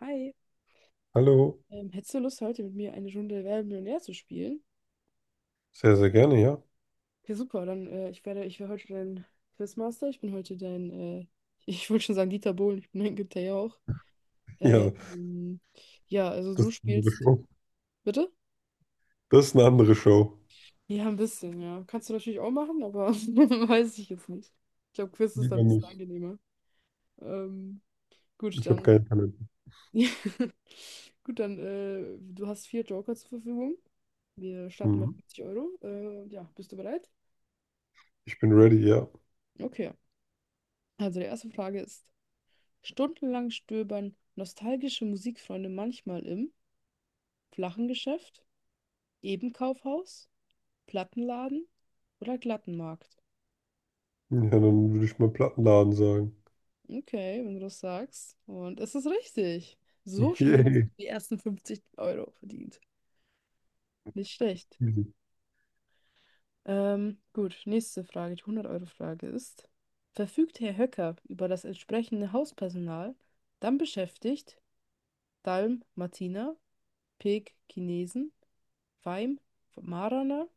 Hi, Hallo, hättest du Lust, heute mit mir eine Runde Wer wird Millionär zu spielen? sehr, sehr gerne, ja. Okay, super, dann ich werde heute dein Quizmaster, ich bin heute dein, ich wollte schon sagen Dieter Bohlen, ich bin dein Günther Jauch. Äh, Ja, Ähm, ja, also das du ist eine andere spielst, Show. bitte? Das ist eine andere Show. Ja, ein bisschen, ja. Kannst du natürlich auch machen, aber weiß ich jetzt nicht. Ich glaube, Quiz ist dann ein Lieber bisschen nicht. angenehmer. Ähm, gut, Ich habe dann, keinen Talent. gut, dann, du hast vier Joker zur Verfügung. Wir starten mit Mhm. 50 Euro. Ja, bist du bereit? Ich bin ready, ja. Okay. Also die erste Frage ist, stundenlang stöbern nostalgische Musikfreunde manchmal im flachen Geschäft, eben Kaufhaus, Plattenladen oder Glattenmarkt? Ja, dann würde ich mal Plattenladen sagen. Okay, wenn du das sagst. Und es ist richtig. So schnell hast Yay. du die ersten 50 Euro verdient. Nicht schlecht. Easy. Gut, nächste Frage, die 100 Euro frage ist, verfügt Herr Höcker über das entsprechende Hauspersonal, dann beschäftigt Dalm Martina, Peek Chinesen, Weim, Marana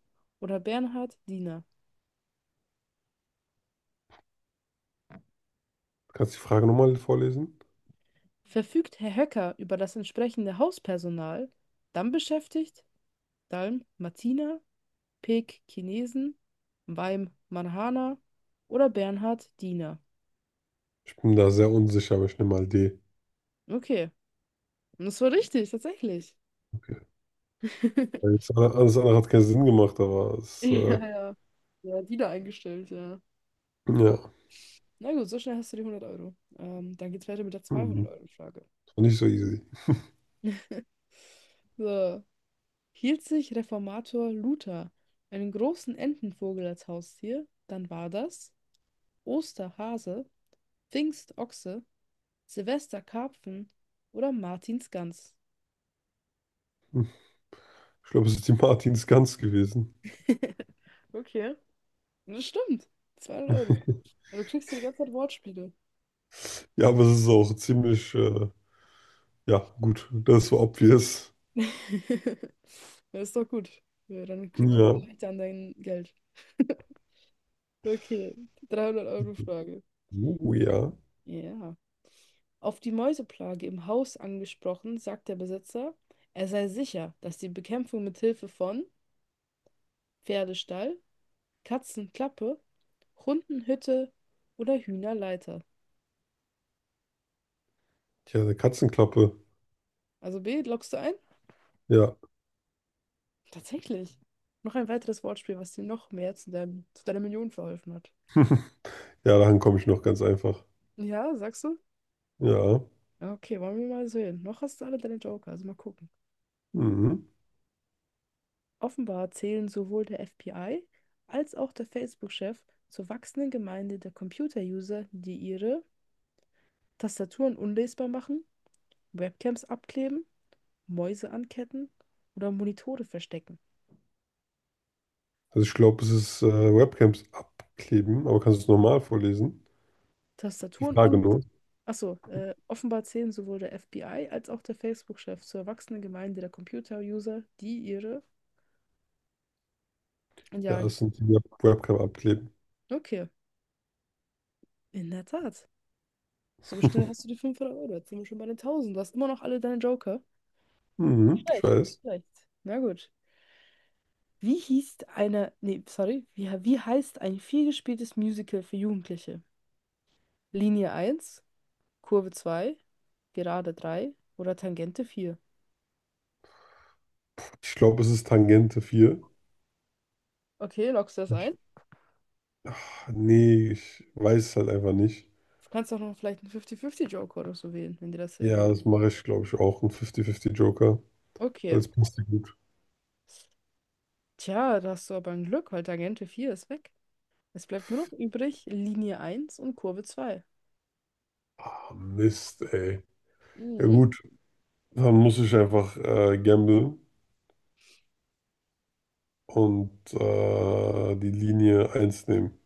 oder Bernhard Diener? Kannst du die Frage nochmal vorlesen? Verfügt Herr Höcker über das entsprechende Hauspersonal, dann beschäftigt Dalm Martina, Peek Chinesen, Weim Marhana oder Bernhard Diener? Ich bin da sehr unsicher, aber ich nehme mal D. Okay, und das war richtig, tatsächlich. Okay. Alles andere hat keinen Sinn gemacht, aber Ja, ja. Ja, Diener eingestellt, ja. ja, Na gut, so schnell hast du die 100 Euro. Dann geht's weiter mit der zweihundert hm, euro frage. das war nicht so easy. So. Hielt sich Reformator Luther einen großen Entenvogel als Haustier, dann war das Osterhase, Pfingstochse, Silvesterkarpfen oder Martinsgans? Hm. Ich glaube, es ist die Martins Gans gewesen. Okay. Das stimmt. 200 Euro. Ja, du kriegst hier die ganze Zeit Wortspiele. Ja, aber es ist auch ziemlich, ja, gut. Das war obvious. Das ist doch gut. Ja, dann kommst du Ja. leichter an dein Geld. Okay, 300 Euro Frage. Oh ja. Ja. Auf die Mäuseplage im Haus angesprochen, sagt der Besitzer, er sei sicher, dass die Bekämpfung mit Hilfe von Pferdestall, Katzenklappe, Hundenhütte oder Hühnerleiter. Tja, eine Katzenklappe. Also B, loggst du ein? Ja. Tatsächlich. Noch ein weiteres Wortspiel, was dir noch mehr zu deiner Million verholfen hat. Ja, daran komme ich noch ganz einfach. Ja, sagst du? Ja. Ja, okay, wollen wir mal sehen. Noch hast du alle deine Joker, also mal gucken. Mhm. Offenbar zählen sowohl der FBI als auch der Facebook-Chef zur wachsenden Gemeinde der Computer-User, die ihre Tastaturen unlesbar machen, Webcams abkleben, Mäuse anketten oder Monitore verstecken. Also ich glaube, es ist Webcams abkleben, aber kannst du es normal vorlesen? Die Tastaturen Frage unlesbar. nur. Achso, offenbar zählen sowohl der FBI als auch der Facebook-Chef zur erwachsenen Gemeinde der Computer-User, die ihre Ja, Jahre es gibt. sind die Webcam abkleben. Okay, in der Tat. So schnell hast du die 500 Euro. Jetzt sind wir schon bei den tausend. Du hast immer noch alle deine Joker. Nicht Mhm, ich schlecht, nicht weiß. schlecht. Na gut. Wie hieß eine. Nee, sorry. Wie heißt ein vielgespieltes Musical für Jugendliche? Linie eins, Kurve 2, Gerade 3 oder Tangente 4? Ich glaube, es ist Tangente 4. Okay, loggst du das Ich, ein? ach, nee, ich weiß es halt einfach nicht. Du kannst auch noch vielleicht einen 50-50-Joker oder so wählen, wenn dir das hilft. Ja, das mache ich, glaube ich, auch. Ein 50-50 Joker. Weil Okay. es passt ja gut. Tja, da hast du aber ein Glück, weil Tangente 4 ist weg. Es bleibt nur noch übrig Linie eins und Kurve 2. Ah, Mist, ey. Ja Mhm. gut, dann muss ich einfach gamblen. Und die Linie eins nehmen.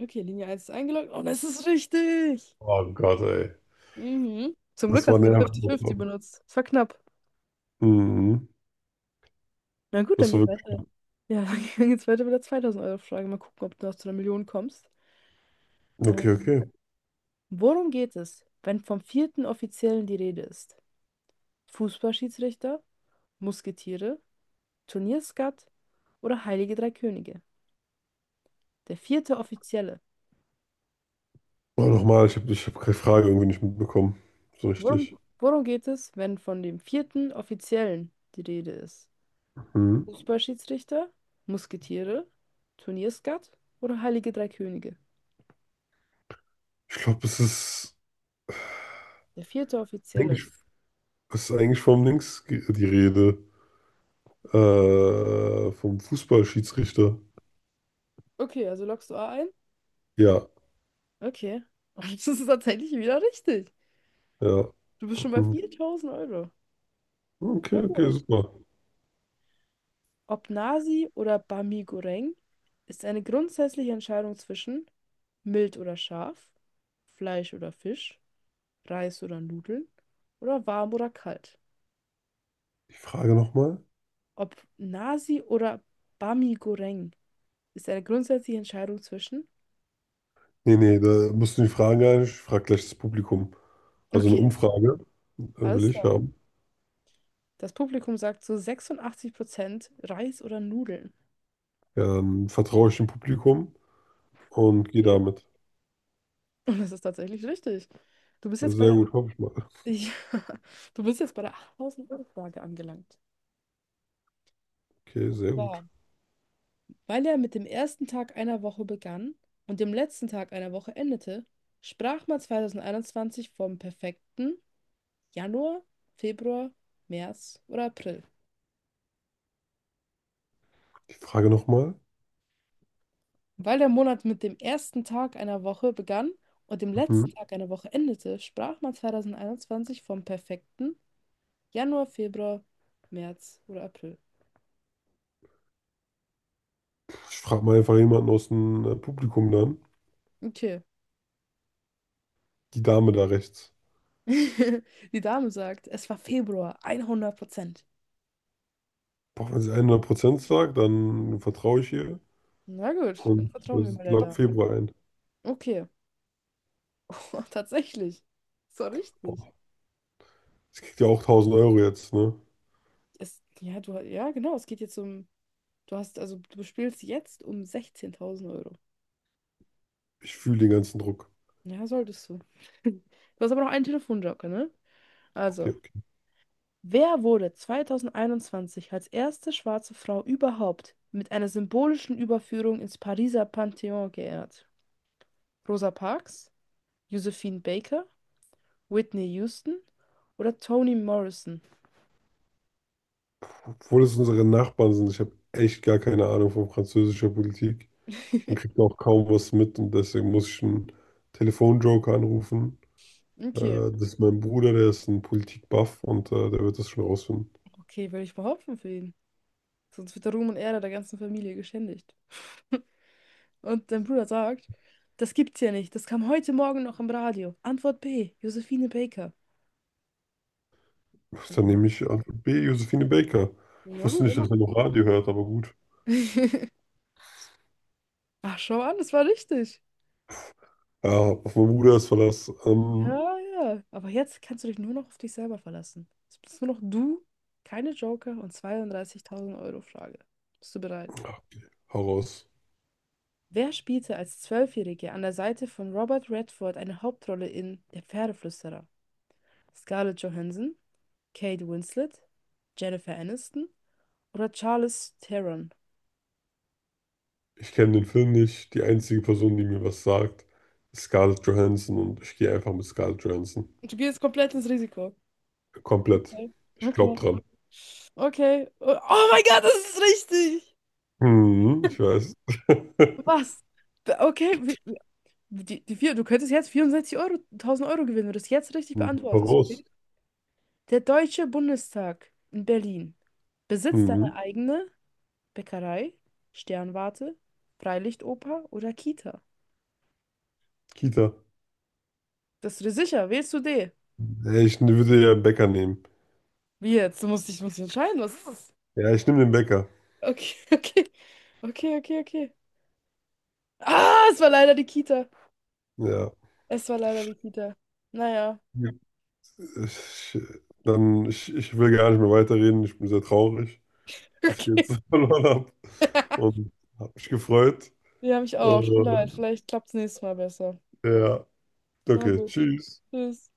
Okay, Linie eins ist eingeloggt. Und es ist richtig! Oh Gott, ey. Mhm. Zum Glück Das war hast du das nervig. 50-50 benutzt. Es war knapp. Mhm. Na gut, dann Das war geht's wirklich. weiter. Ja, dann geht's weiter mit der 2000-Euro-Frage. Mal gucken, ob du noch zu einer Million kommst. Äh, Okay, okay. Worum geht es, wenn vom vierten Offiziellen die Rede ist? Fußballschiedsrichter, Musketiere, Turnierskat oder Heilige Drei Könige? Der vierte Offizielle. Aber nochmal, ich hab keine Frage irgendwie nicht mitbekommen. So richtig. Worum geht es, wenn von dem vierten Offiziellen die Rede ist? Mhm. Fußballschiedsrichter, Musketiere, Turnierskat oder Heilige Drei Könige? Ich glaube, Der vierte Offizielle. eigentlich, es ist eigentlich vom die Rede. Vom Fußballschiedsrichter. Okay, also loggst du A ein? Ja, Okay. Das ist tatsächlich wieder richtig. ja. Du bist schon bei Mhm. 4000 Euro. Okay, Sehr okay, gut. super. Ob Nasi oder Bami Goreng ist eine grundsätzliche Entscheidung zwischen mild oder scharf, Fleisch oder Fisch, Reis oder Nudeln oder warm oder kalt. Die Frage nochmal? Ob Nasi oder Bami Goreng ist eine grundsätzliche Entscheidung zwischen. Nee, nee, da musst du die Fragen gar nicht. Ich frage gleich das Publikum. Also eine Okay, Umfrage will alles ich klar. haben. Das Publikum sagt zu 86% Reis oder Nudeln. Dann vertraue ich dem Publikum und gehe Okay. damit. Und das ist tatsächlich richtig. Du bist jetzt Also bei sehr der, gut, hoffe ich mal. ja, du bist jetzt bei der 8000-Euro-Frage angelangt. Okay, Und sehr gut. zwar, weil er mit dem ersten Tag einer Woche begann und dem letzten Tag einer Woche endete, sprach man 2021 vom perfekten Januar, Februar, März oder April. Die Frage nochmal. Weil der Monat mit dem ersten Tag einer Woche begann und dem letzten Mhm. Tag einer Woche endete, sprach man 2021 vom perfekten Januar, Februar, März oder April. Ich frage mal einfach jemanden aus dem Publikum dann. Okay. Die Dame da rechts. Die Dame sagt, es war Februar, 100%. Boah, wenn sie 100% sagt, dann vertraue ich ihr. Na gut, dann Und vertrauen wir das mal der log Dame. Februar ein. Okay. Tatsächlich. So richtig. Boah, sie kriegt ja auch 1000 Euro jetzt, ne? Es, ja, du, ja, genau. Es geht jetzt um. Du hast, also du spielst jetzt um 16.000 Euro. Ich fühle den ganzen Druck. Ja, solltest du. Du hast aber noch einen Telefonjoker, ne? Okay, Also, okay. wer wurde 2021 als erste schwarze Frau überhaupt mit einer symbolischen Überführung ins Pariser Pantheon geehrt? Rosa Parks, Josephine Baker, Whitney Houston oder Toni Morrison? Obwohl es unsere Nachbarn sind, ich habe echt gar keine Ahnung von französischer Politik und kriege auch kaum was mit und deswegen muss ich einen Telefonjoker anrufen. Äh, Okay, das ist mein Bruder, der ist ein Politik-Buff und der wird das schon rausfinden. okay, will ich behaupten für ihn. Sonst wird der Ruhm und Ehre der ganzen Familie geschändigt. Und dein Bruder sagt, das gibt's ja nicht. Das kam heute Morgen noch im Radio. Antwort B, Josephine Baker. Dann Mhm. nehme ich Antwort B, Josephine Baker. Ich Na wusste gut, nicht, immer. dass er noch Radio hört, aber gut. Ach, schau an, das war richtig. Ja, auf meinen Bruder ist Verlass. Ähm, Ja, ja. Aber jetzt kannst du dich nur noch auf dich selber verlassen. Jetzt bist nur noch du, keine Joker und 32.000 Euro Frage. Bist du bereit? ja, hau raus. Wer spielte als Zwölfjährige an der Seite von Robert Redford eine Hauptrolle in Der Pferdeflüsterer? Scarlett Johansson, Kate Winslet, Jennifer Aniston oder Charlize Theron? Ich kenne den Film nicht. Die einzige Person, die mir was sagt, ist Scarlett Johansson und ich gehe einfach mit Scarlett Johansson. Du gehst komplett ins Risiko. Komplett. Okay. Ich Okay. glaube dran. Okay. Oh, oh mein Gott, das ist richtig. Hm, ich weiß. Was? Okay, die vier, du könntest jetzt 64 Euro, 1.000 Euro gewinnen, wenn du das jetzt richtig Hm, hau beantwortest. Okay? raus. Der Deutsche Bundestag in Berlin besitzt eine Mhm. eigene Bäckerei, Sternwarte, Freilichtoper oder Kita. Kita. Das ist dir sicher, wählst du D? Ja, ich würde ja einen Bäcker nehmen. Wie jetzt? Du musst dich entscheiden, was ist das? Ja, ich nehme den Bäcker. Okay, okay. Okay, okay, okay. Ah, es war leider die Kita. Ja. Es war leider die Kita. Naja. Ich, dann, ich will gar nicht mehr weiterreden. Ich bin sehr traurig, dass ich Okay. jetzt verloren habe und habe mich gefreut. Die habe ich auch. Tut mir leid. Und, Vielleicht klappt es nächstes Mal besser. ja, Na okay, gut. tschüss. Tschüss.